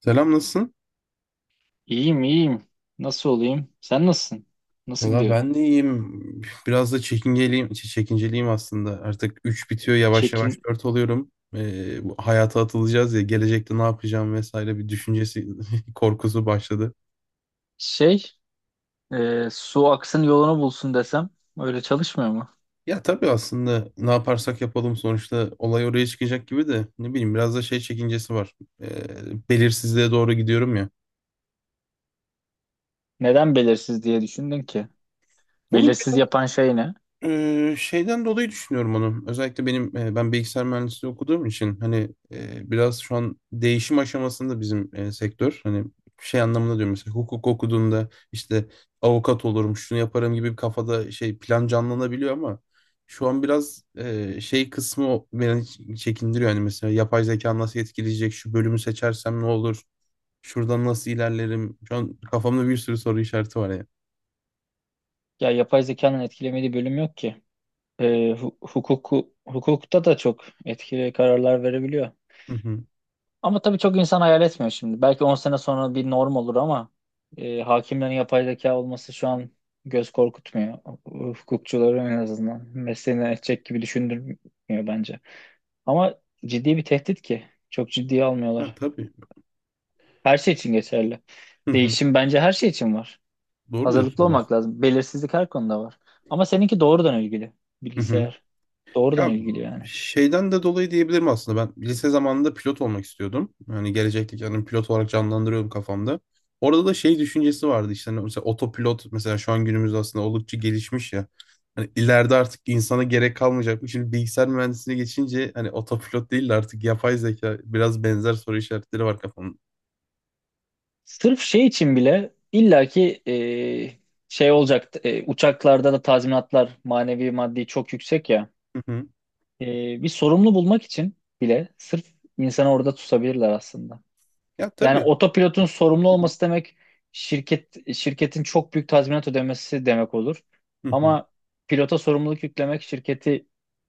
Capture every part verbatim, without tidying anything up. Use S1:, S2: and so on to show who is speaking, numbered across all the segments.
S1: Selam, nasılsın?
S2: İyiyim iyiyim. Nasıl olayım? Sen nasılsın? Nasıl
S1: Valla
S2: gidiyor?
S1: ben de iyiyim. Biraz da çekinceliyim, çe- çekinceliyim aslında. Artık üç bitiyor, yavaş yavaş
S2: Çekin
S1: dört oluyorum. Ee, bu hayata atılacağız ya, gelecekte ne yapacağım vesaire bir düşüncesi korkusu başladı.
S2: şey e, Su aksın yolunu bulsun desem öyle çalışmıyor mu?
S1: Ya tabii, aslında ne yaparsak yapalım sonuçta olay oraya çıkacak gibi de, ne bileyim, biraz da şey çekincesi var. Ee, Belirsizliğe doğru gidiyorum ya.
S2: Neden belirsiz diye düşündün ki?
S1: Olur.
S2: Belirsiz yapan şey ne?
S1: Ee, şeyden dolayı düşünüyorum onu. Özellikle benim e, ben bilgisayar mühendisliği okuduğum için hani e, biraz şu an değişim aşamasında bizim e, sektör. Hani şey anlamında diyorum, mesela hukuk okuduğunda işte avukat olurum, şunu yaparım gibi bir kafada şey plan canlanabiliyor, ama şu an biraz e, şey kısmı beni çekindiriyor. Hani mesela yapay zeka nasıl etkileyecek, şu bölümü seçersem ne olur, şuradan nasıl ilerlerim. Şu an kafamda bir sürü soru işareti var ya.
S2: Ya yapay zekanın etkilemediği bölüm yok ki. E, hu- hukuku, Hukukta da çok etkili kararlar verebiliyor.
S1: Hı hı.
S2: Ama tabii çok insan hayal etmiyor şimdi. Belki on sene sonra bir norm olur ama e, hakimlerin yapay zeka olması şu an göz korkutmuyor. Hukukçuları en azından mesleğini edecek gibi düşündürmüyor bence. Ama ciddi bir tehdit ki. Çok ciddiye
S1: Ya
S2: almıyorlar.
S1: tabii.
S2: Her şey için geçerli.
S1: Hı hı.
S2: Değişim bence her şey için var.
S1: Doğru
S2: Hazırlıklı
S1: diyorsunuz
S2: olmak
S1: aslında.
S2: lazım. Belirsizlik her konuda var. Ama seninki doğrudan ilgili.
S1: Hı hı.
S2: Bilgisayar. Doğrudan
S1: Ya
S2: ilgili yani.
S1: şeyden de dolayı diyebilirim, aslında ben lise zamanında pilot olmak istiyordum. Hani gelecekte kendimi pilot olarak canlandırıyordum kafamda. Orada da şey düşüncesi vardı işte, hani mesela otopilot, mesela şu an günümüzde aslında oldukça gelişmiş ya. Hani ileride artık insana gerek kalmayacak. mı Şimdi bilgisayar mühendisliğine geçince hani otopilot değil de artık yapay zeka, biraz benzer soru işaretleri var kafamda.
S2: Sırf şey için bile illaki e, şey olacak e, uçaklarda da tazminatlar manevi maddi çok yüksek ya.
S1: Hı hı.
S2: E, Bir sorumlu bulmak için bile sırf insanı orada tutabilirler aslında.
S1: Ya
S2: Yani
S1: tabii.
S2: otopilotun sorumlu
S1: Hı hı.
S2: olması demek şirket şirketin çok büyük tazminat ödemesi demek olur.
S1: Hı hı.
S2: Ama pilota sorumluluk yüklemek şirketi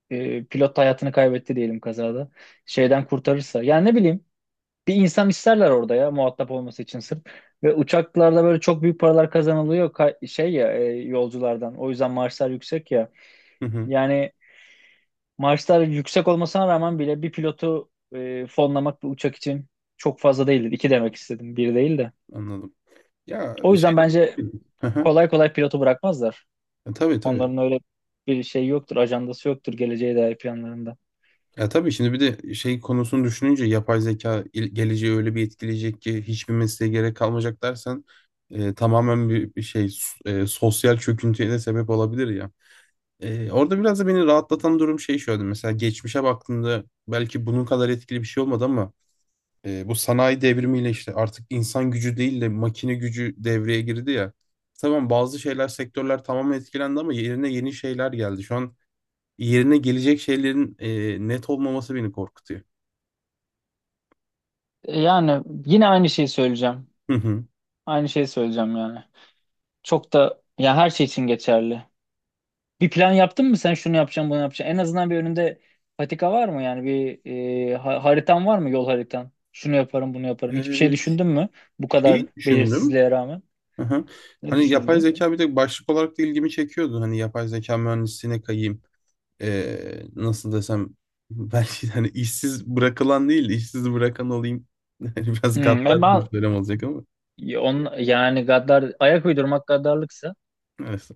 S2: e, pilot hayatını kaybetti diyelim kazada şeyden kurtarırsa. Yani ne bileyim bir insan isterler orada ya muhatap olması için sırf. Ve uçaklarda böyle çok büyük paralar kazanılıyor ka- şey ya e, yolculardan. O yüzden maaşlar yüksek ya.
S1: Hı hı.
S2: Yani maaşlar yüksek olmasına rağmen bile bir pilotu e, fonlamak bir uçak için çok fazla değildir. İki demek istedim, bir değil de.
S1: Anladım. Ya
S2: O yüzden
S1: şeyden...
S2: bence
S1: Hı hı.
S2: kolay kolay pilotu bırakmazlar.
S1: Ya, Tabii tabii.
S2: Onların öyle bir şey yoktur, ajandası yoktur geleceğe dair planlarında.
S1: Ya tabii, şimdi bir de şey konusunu düşününce, yapay zeka il- geleceği öyle bir etkileyecek ki hiçbir mesleğe gerek kalmayacak dersen, e, tamamen bir, bir şey s- e, sosyal çöküntüye de sebep olabilir ya. E, orada biraz da beni rahatlatan durum şey şöyle, mesela geçmişe baktığında belki bunun kadar etkili bir şey olmadı, ama e, bu sanayi devrimiyle işte artık insan gücü değil de makine gücü devreye girdi ya. İşte Tamam, bazı şeyler, sektörler tamamen etkilendi ama yerine yeni şeyler geldi. Şu an yerine gelecek şeylerin e, net olmaması beni korkutuyor.
S2: Yani yine aynı şeyi söyleyeceğim.
S1: Hı hı.
S2: Aynı şeyi söyleyeceğim yani. Çok da ya her şey için geçerli. Bir plan yaptın mı sen şunu yapacağım bunu yapacağım. En azından bir önünde patika var mı yani bir e, ha- haritan var mı yol haritan? Şunu yaparım bunu yaparım. Hiçbir şey
S1: Ee,
S2: düşündün mü? Bu kadar
S1: Şeyi düşündüm.
S2: belirsizliğe rağmen.
S1: Hı hı.
S2: Ne
S1: Hani yapay
S2: düşündün?
S1: zeka bir de başlık olarak da ilgimi çekiyordu. Hani yapay zeka mühendisliğine kayayım. Ee, nasıl desem belki de hani işsiz bırakılan değil de işsiz bırakan olayım. Yani biraz
S2: Hmm, e
S1: gaddar
S2: ben
S1: bir söylem olacak ama.
S2: ya on, yani gaddar ayak uydurmak gaddarlıksa
S1: Neyse.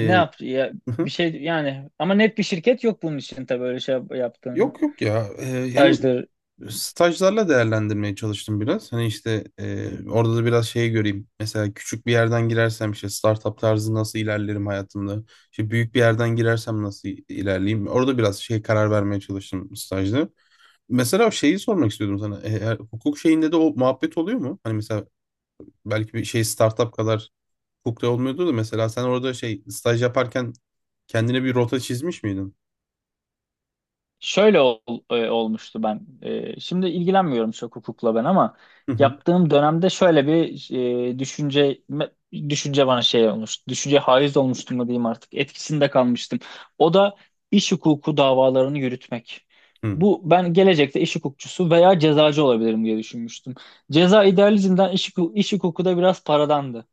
S2: ne yap ya
S1: hı hı.
S2: bir şey yani ama net bir şirket yok bunun için tabii öyle şey yap- yaptığın
S1: yok yok ya. Ee, yani,
S2: stajdır.
S1: stajlarla değerlendirmeye çalıştım biraz. Hani işte e, orada da biraz şeyi göreyim. Mesela küçük bir yerden girersem işte startup tarzı nasıl ilerlerim hayatımda? İşte büyük bir yerden girersem nasıl ilerleyeyim? Orada biraz şey karar vermeye çalıştım stajda. Mesela o şeyi sormak istiyordum sana. E, her- hukuk şeyinde de o muhabbet oluyor mu? Hani mesela belki bir şey startup kadar hukukta olmuyordu da, mesela sen orada şey staj yaparken kendine bir rota çizmiş miydin?
S2: Şöyle ol- e, olmuştu ben. E, şimdi ilgilenmiyorum çok hukukla ben ama
S1: Hı hı,
S2: yaptığım dönemde şöyle bir e, düşünce düşünce bana şey olmuş. Düşünce haiz olmuştu mu diyeyim artık. Etkisinde kalmıştım. O da iş hukuku davalarını yürütmek.
S1: hı
S2: Bu ben gelecekte iş hukukçusu veya cezacı olabilirim diye düşünmüştüm. Ceza idealizmden iş, huku- iş hukuku da biraz paradandı.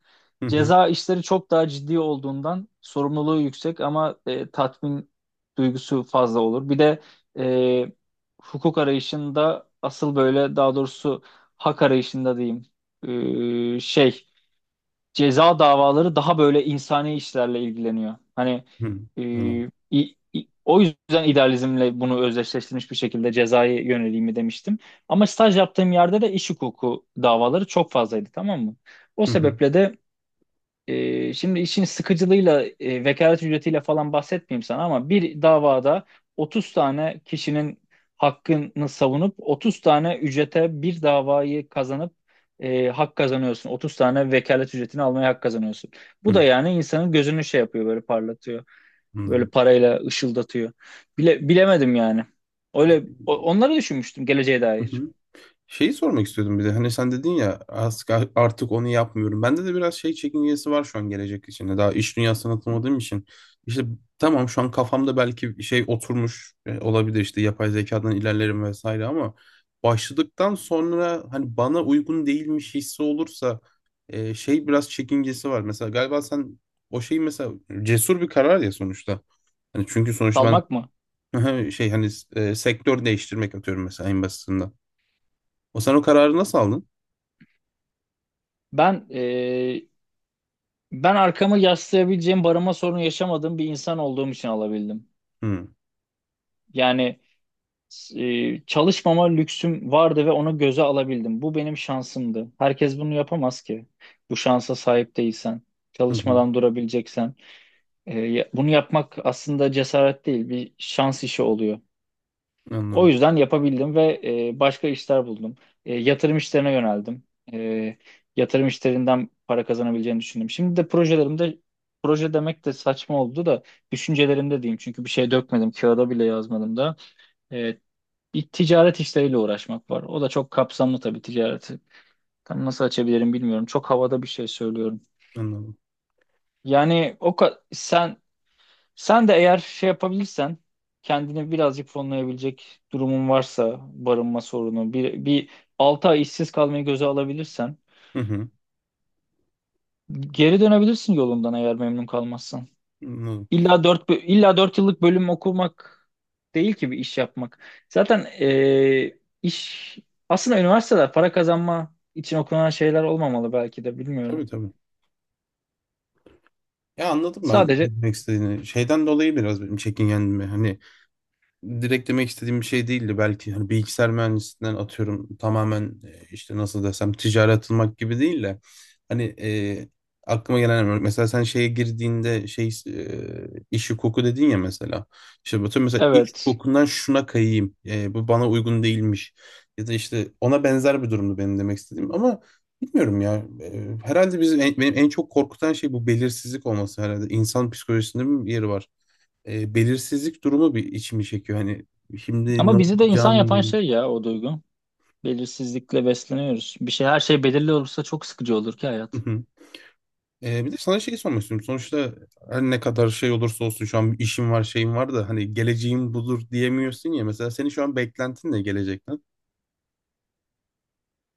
S1: hı, hı
S2: Ceza işleri çok daha ciddi olduğundan sorumluluğu yüksek ama e, tatmin duygusu fazla olur. Bir de e, hukuk arayışında asıl böyle daha doğrusu hak arayışında diyeyim e, şey ceza davaları daha böyle insani işlerle ilgileniyor. Hani
S1: hı.
S2: e,
S1: Anladım.
S2: i- i- o yüzden idealizmle bunu özdeşleştirmiş bir şekilde cezaya yöneleyim demiştim. Ama staj yaptığım yerde de iş hukuku davaları çok fazlaydı tamam mı? O
S1: Hı hı,
S2: sebeple de ee, şimdi işin sıkıcılığıyla, e, vekalet ücretiyle falan bahsetmeyeyim sana ama bir davada otuz tane kişinin hakkını savunup otuz tane ücrete bir davayı kazanıp e, hak kazanıyorsun. otuz tane vekalet ücretini almaya hak kazanıyorsun. Bu
S1: hı.
S2: da yani insanın gözünü şey yapıyor böyle parlatıyor. Böyle
S1: Anladım.
S2: parayla ışıldatıyor. Bile, bilemedim yani. Öyle o- onları düşünmüştüm geleceğe dair.
S1: Şeyi sormak istiyordum bir de. Hani sen dedin ya, artık, artık onu yapmıyorum. Bende de biraz şey çekingesi var şu an gelecek için. Hani Daha iş dünyasına atılmadığım için. İşte tamam, şu an kafamda belki şey oturmuş e, olabilir, işte yapay zekadan ilerlerim vesaire, ama başladıktan sonra hani bana uygun değilmiş hissi olursa e, şey biraz çekingesi var. Mesela galiba sen o şey, mesela cesur bir karar ya sonuçta. Hani çünkü sonuçta
S2: Salmak mı?
S1: ben şey, hani e, sektör değiştirmek, atıyorum mesela, en basitinden. O, sen o kararı nasıl aldın?
S2: Ben Ben arkamı yaslayabileceğim barınma sorunu yaşamadığım bir insan olduğum için alabildim.
S1: Hı.
S2: Yani e, çalışmama lüksüm vardı ve onu göze alabildim. Bu benim şansımdı. Herkes bunu yapamaz ki. Bu şansa sahip değilsen,
S1: Hı hı.
S2: çalışmadan durabileceksen. E, ya- bunu yapmak aslında cesaret değil, bir şans işi oluyor. O
S1: Anladım.
S2: yüzden yapabildim ve e, başka işler buldum. E, yatırım işlerine yöneldim. E, Yatırım işlerinden para kazanabileceğimi düşündüm. Şimdi de projelerimde proje demek de saçma oldu da düşüncelerimde diyeyim. Çünkü bir şey dökmedim, kağıda bile yazmadım da. E, Bir ticaret işleriyle uğraşmak var. O da çok kapsamlı tabii ticareti. Tam nasıl açabilirim bilmiyorum. Çok havada bir şey söylüyorum.
S1: Anladım.
S2: Yani o ka- sen sen de eğer şey yapabilirsen kendini birazcık fonlayabilecek durumun varsa barınma sorunu bir, bir altı ay işsiz kalmayı göze alabilirsen
S1: Hı hı.
S2: geri dönebilirsin yolundan eğer memnun kalmazsan.
S1: Anladım.
S2: İlla dört illa dört yıllık bölüm okumak değil ki bir iş yapmak. Zaten eee, iş aslında üniversiteler para kazanma için okunan şeyler olmamalı belki de bilmiyorum.
S1: Tabii tabii. Ya, anladım ben
S2: Sadece
S1: ne demek istediğini. Şeyden dolayı biraz benim çekingendim. Hani direkt demek istediğim bir şey değildi belki. Hani bilgisayar mühendisliğinden atıyorum tamamen e, işte, nasıl desem, ticarete atılmak gibi değil de, hani e, aklıma gelen örnek, mesela sen şeye girdiğinde şey e, iş hukuku dedin ya, mesela işte bütün, mesela iş
S2: evet,
S1: hukukundan şuna kayayım e, bu bana uygun değilmiş, ya da işte ona benzer bir durumdu benim demek istediğim. Ama bilmiyorum ya. E, Herhalde bizim en, benim en çok korkutan şey bu belirsizlik olması herhalde. İnsan psikolojisinde bir yeri var e, belirsizlik durumu bir içimi çekiyor. Hani şimdi ne
S2: ama bizi de insan
S1: okuyacağım, Hmm.
S2: yapan
S1: ne-
S2: şey ya o duygu. Belirsizlikle besleniyoruz. Bir şey Her şey belirli olursa çok sıkıcı olur ki
S1: Hı
S2: hayat.
S1: hı. E, bir de sana şey sormak istiyorum. Sonuçta her ne kadar şey olursa olsun, şu an işim var, şeyim var da, hani geleceğim budur diyemiyorsun ya. Mesela senin şu an beklentin ne gelecekten?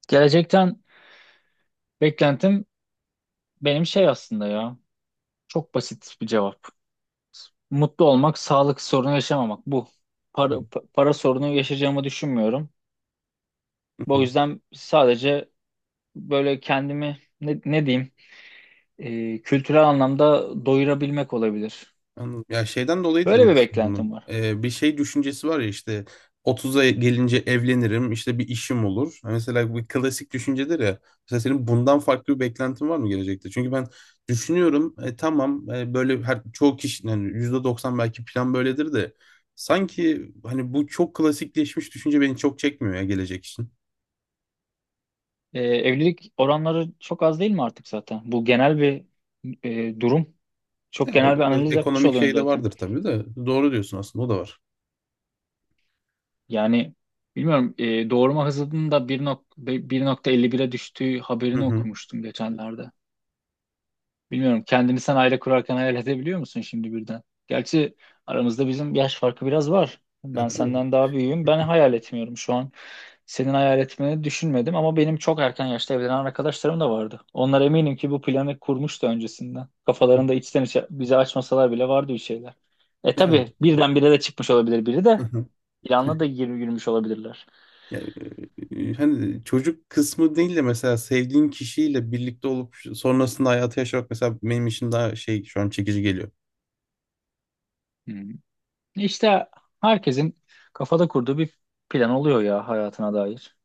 S2: Gelecekten beklentim benim şey aslında ya. Çok basit bir cevap. Mutlu olmak, sağlık sorunu yaşamamak bu. Para,
S1: Hı
S2: pa- para sorunu yaşayacağımı düşünmüyorum. Bu
S1: hı.
S2: yüzden sadece böyle kendimi ne, ne diyeyim e, kültürel anlamda doyurabilmek olabilir.
S1: Anladım. Ya şeyden dolayı dedim
S2: Böyle bir
S1: aslında bunu.
S2: beklentim var.
S1: Ee, bir şey düşüncesi var ya, işte otuz'a gelince evlenirim, işte bir işim olur. Ha, Mesela bu klasik düşüncedir ya. Mesela senin bundan farklı bir beklentin var mı gelecekte? Çünkü ben düşünüyorum, e, tamam, e, böyle her, çoğu kişi yani, yüzde doksan belki plan böyledir de, sanki hani bu çok klasikleşmiş düşünce beni çok çekmiyor ya gelecek için.
S2: E, evlilik oranları çok az değil mi artık zaten? Bu genel bir e, durum. Çok
S1: Ya
S2: genel
S1: orada
S2: bir
S1: biraz
S2: analiz yapmış
S1: ekonomik
S2: oluyorum
S1: şey de
S2: zaten.
S1: vardır tabii de, doğru diyorsun aslında, o da var.
S2: Yani bilmiyorum e, doğurma hızının da bir nokta elli bire düştüğü
S1: Hı
S2: haberini
S1: hı.
S2: okumuştum geçenlerde. Bilmiyorum kendini sen aile kurarken hayal edebiliyor musun şimdi birden? Gerçi aramızda bizim yaş farkı biraz var.
S1: Ya
S2: Ben
S1: tabii.
S2: senden daha büyüğüm. Ben hayal etmiyorum şu an. Senin hayal etmeni düşünmedim ama benim çok erken yaşta evlenen arkadaşlarım da vardı. Onlar eminim ki bu planı kurmuştu öncesinden. Kafalarında içten içe bize açmasalar bile vardı bir şeyler. E
S1: Yani.
S2: tabii birdenbire de çıkmış olabilir biri de planla da gir- yürümüş olabilirler.
S1: Ya, e, hani çocuk kısmı değil de, mesela sevdiğin kişiyle birlikte olup sonrasında hayatı yaşamak mesela benim için daha şey, şu an çekici geliyor.
S2: Hmm. İşte herkesin kafada kurduğu bir plan oluyor ya hayatına dair.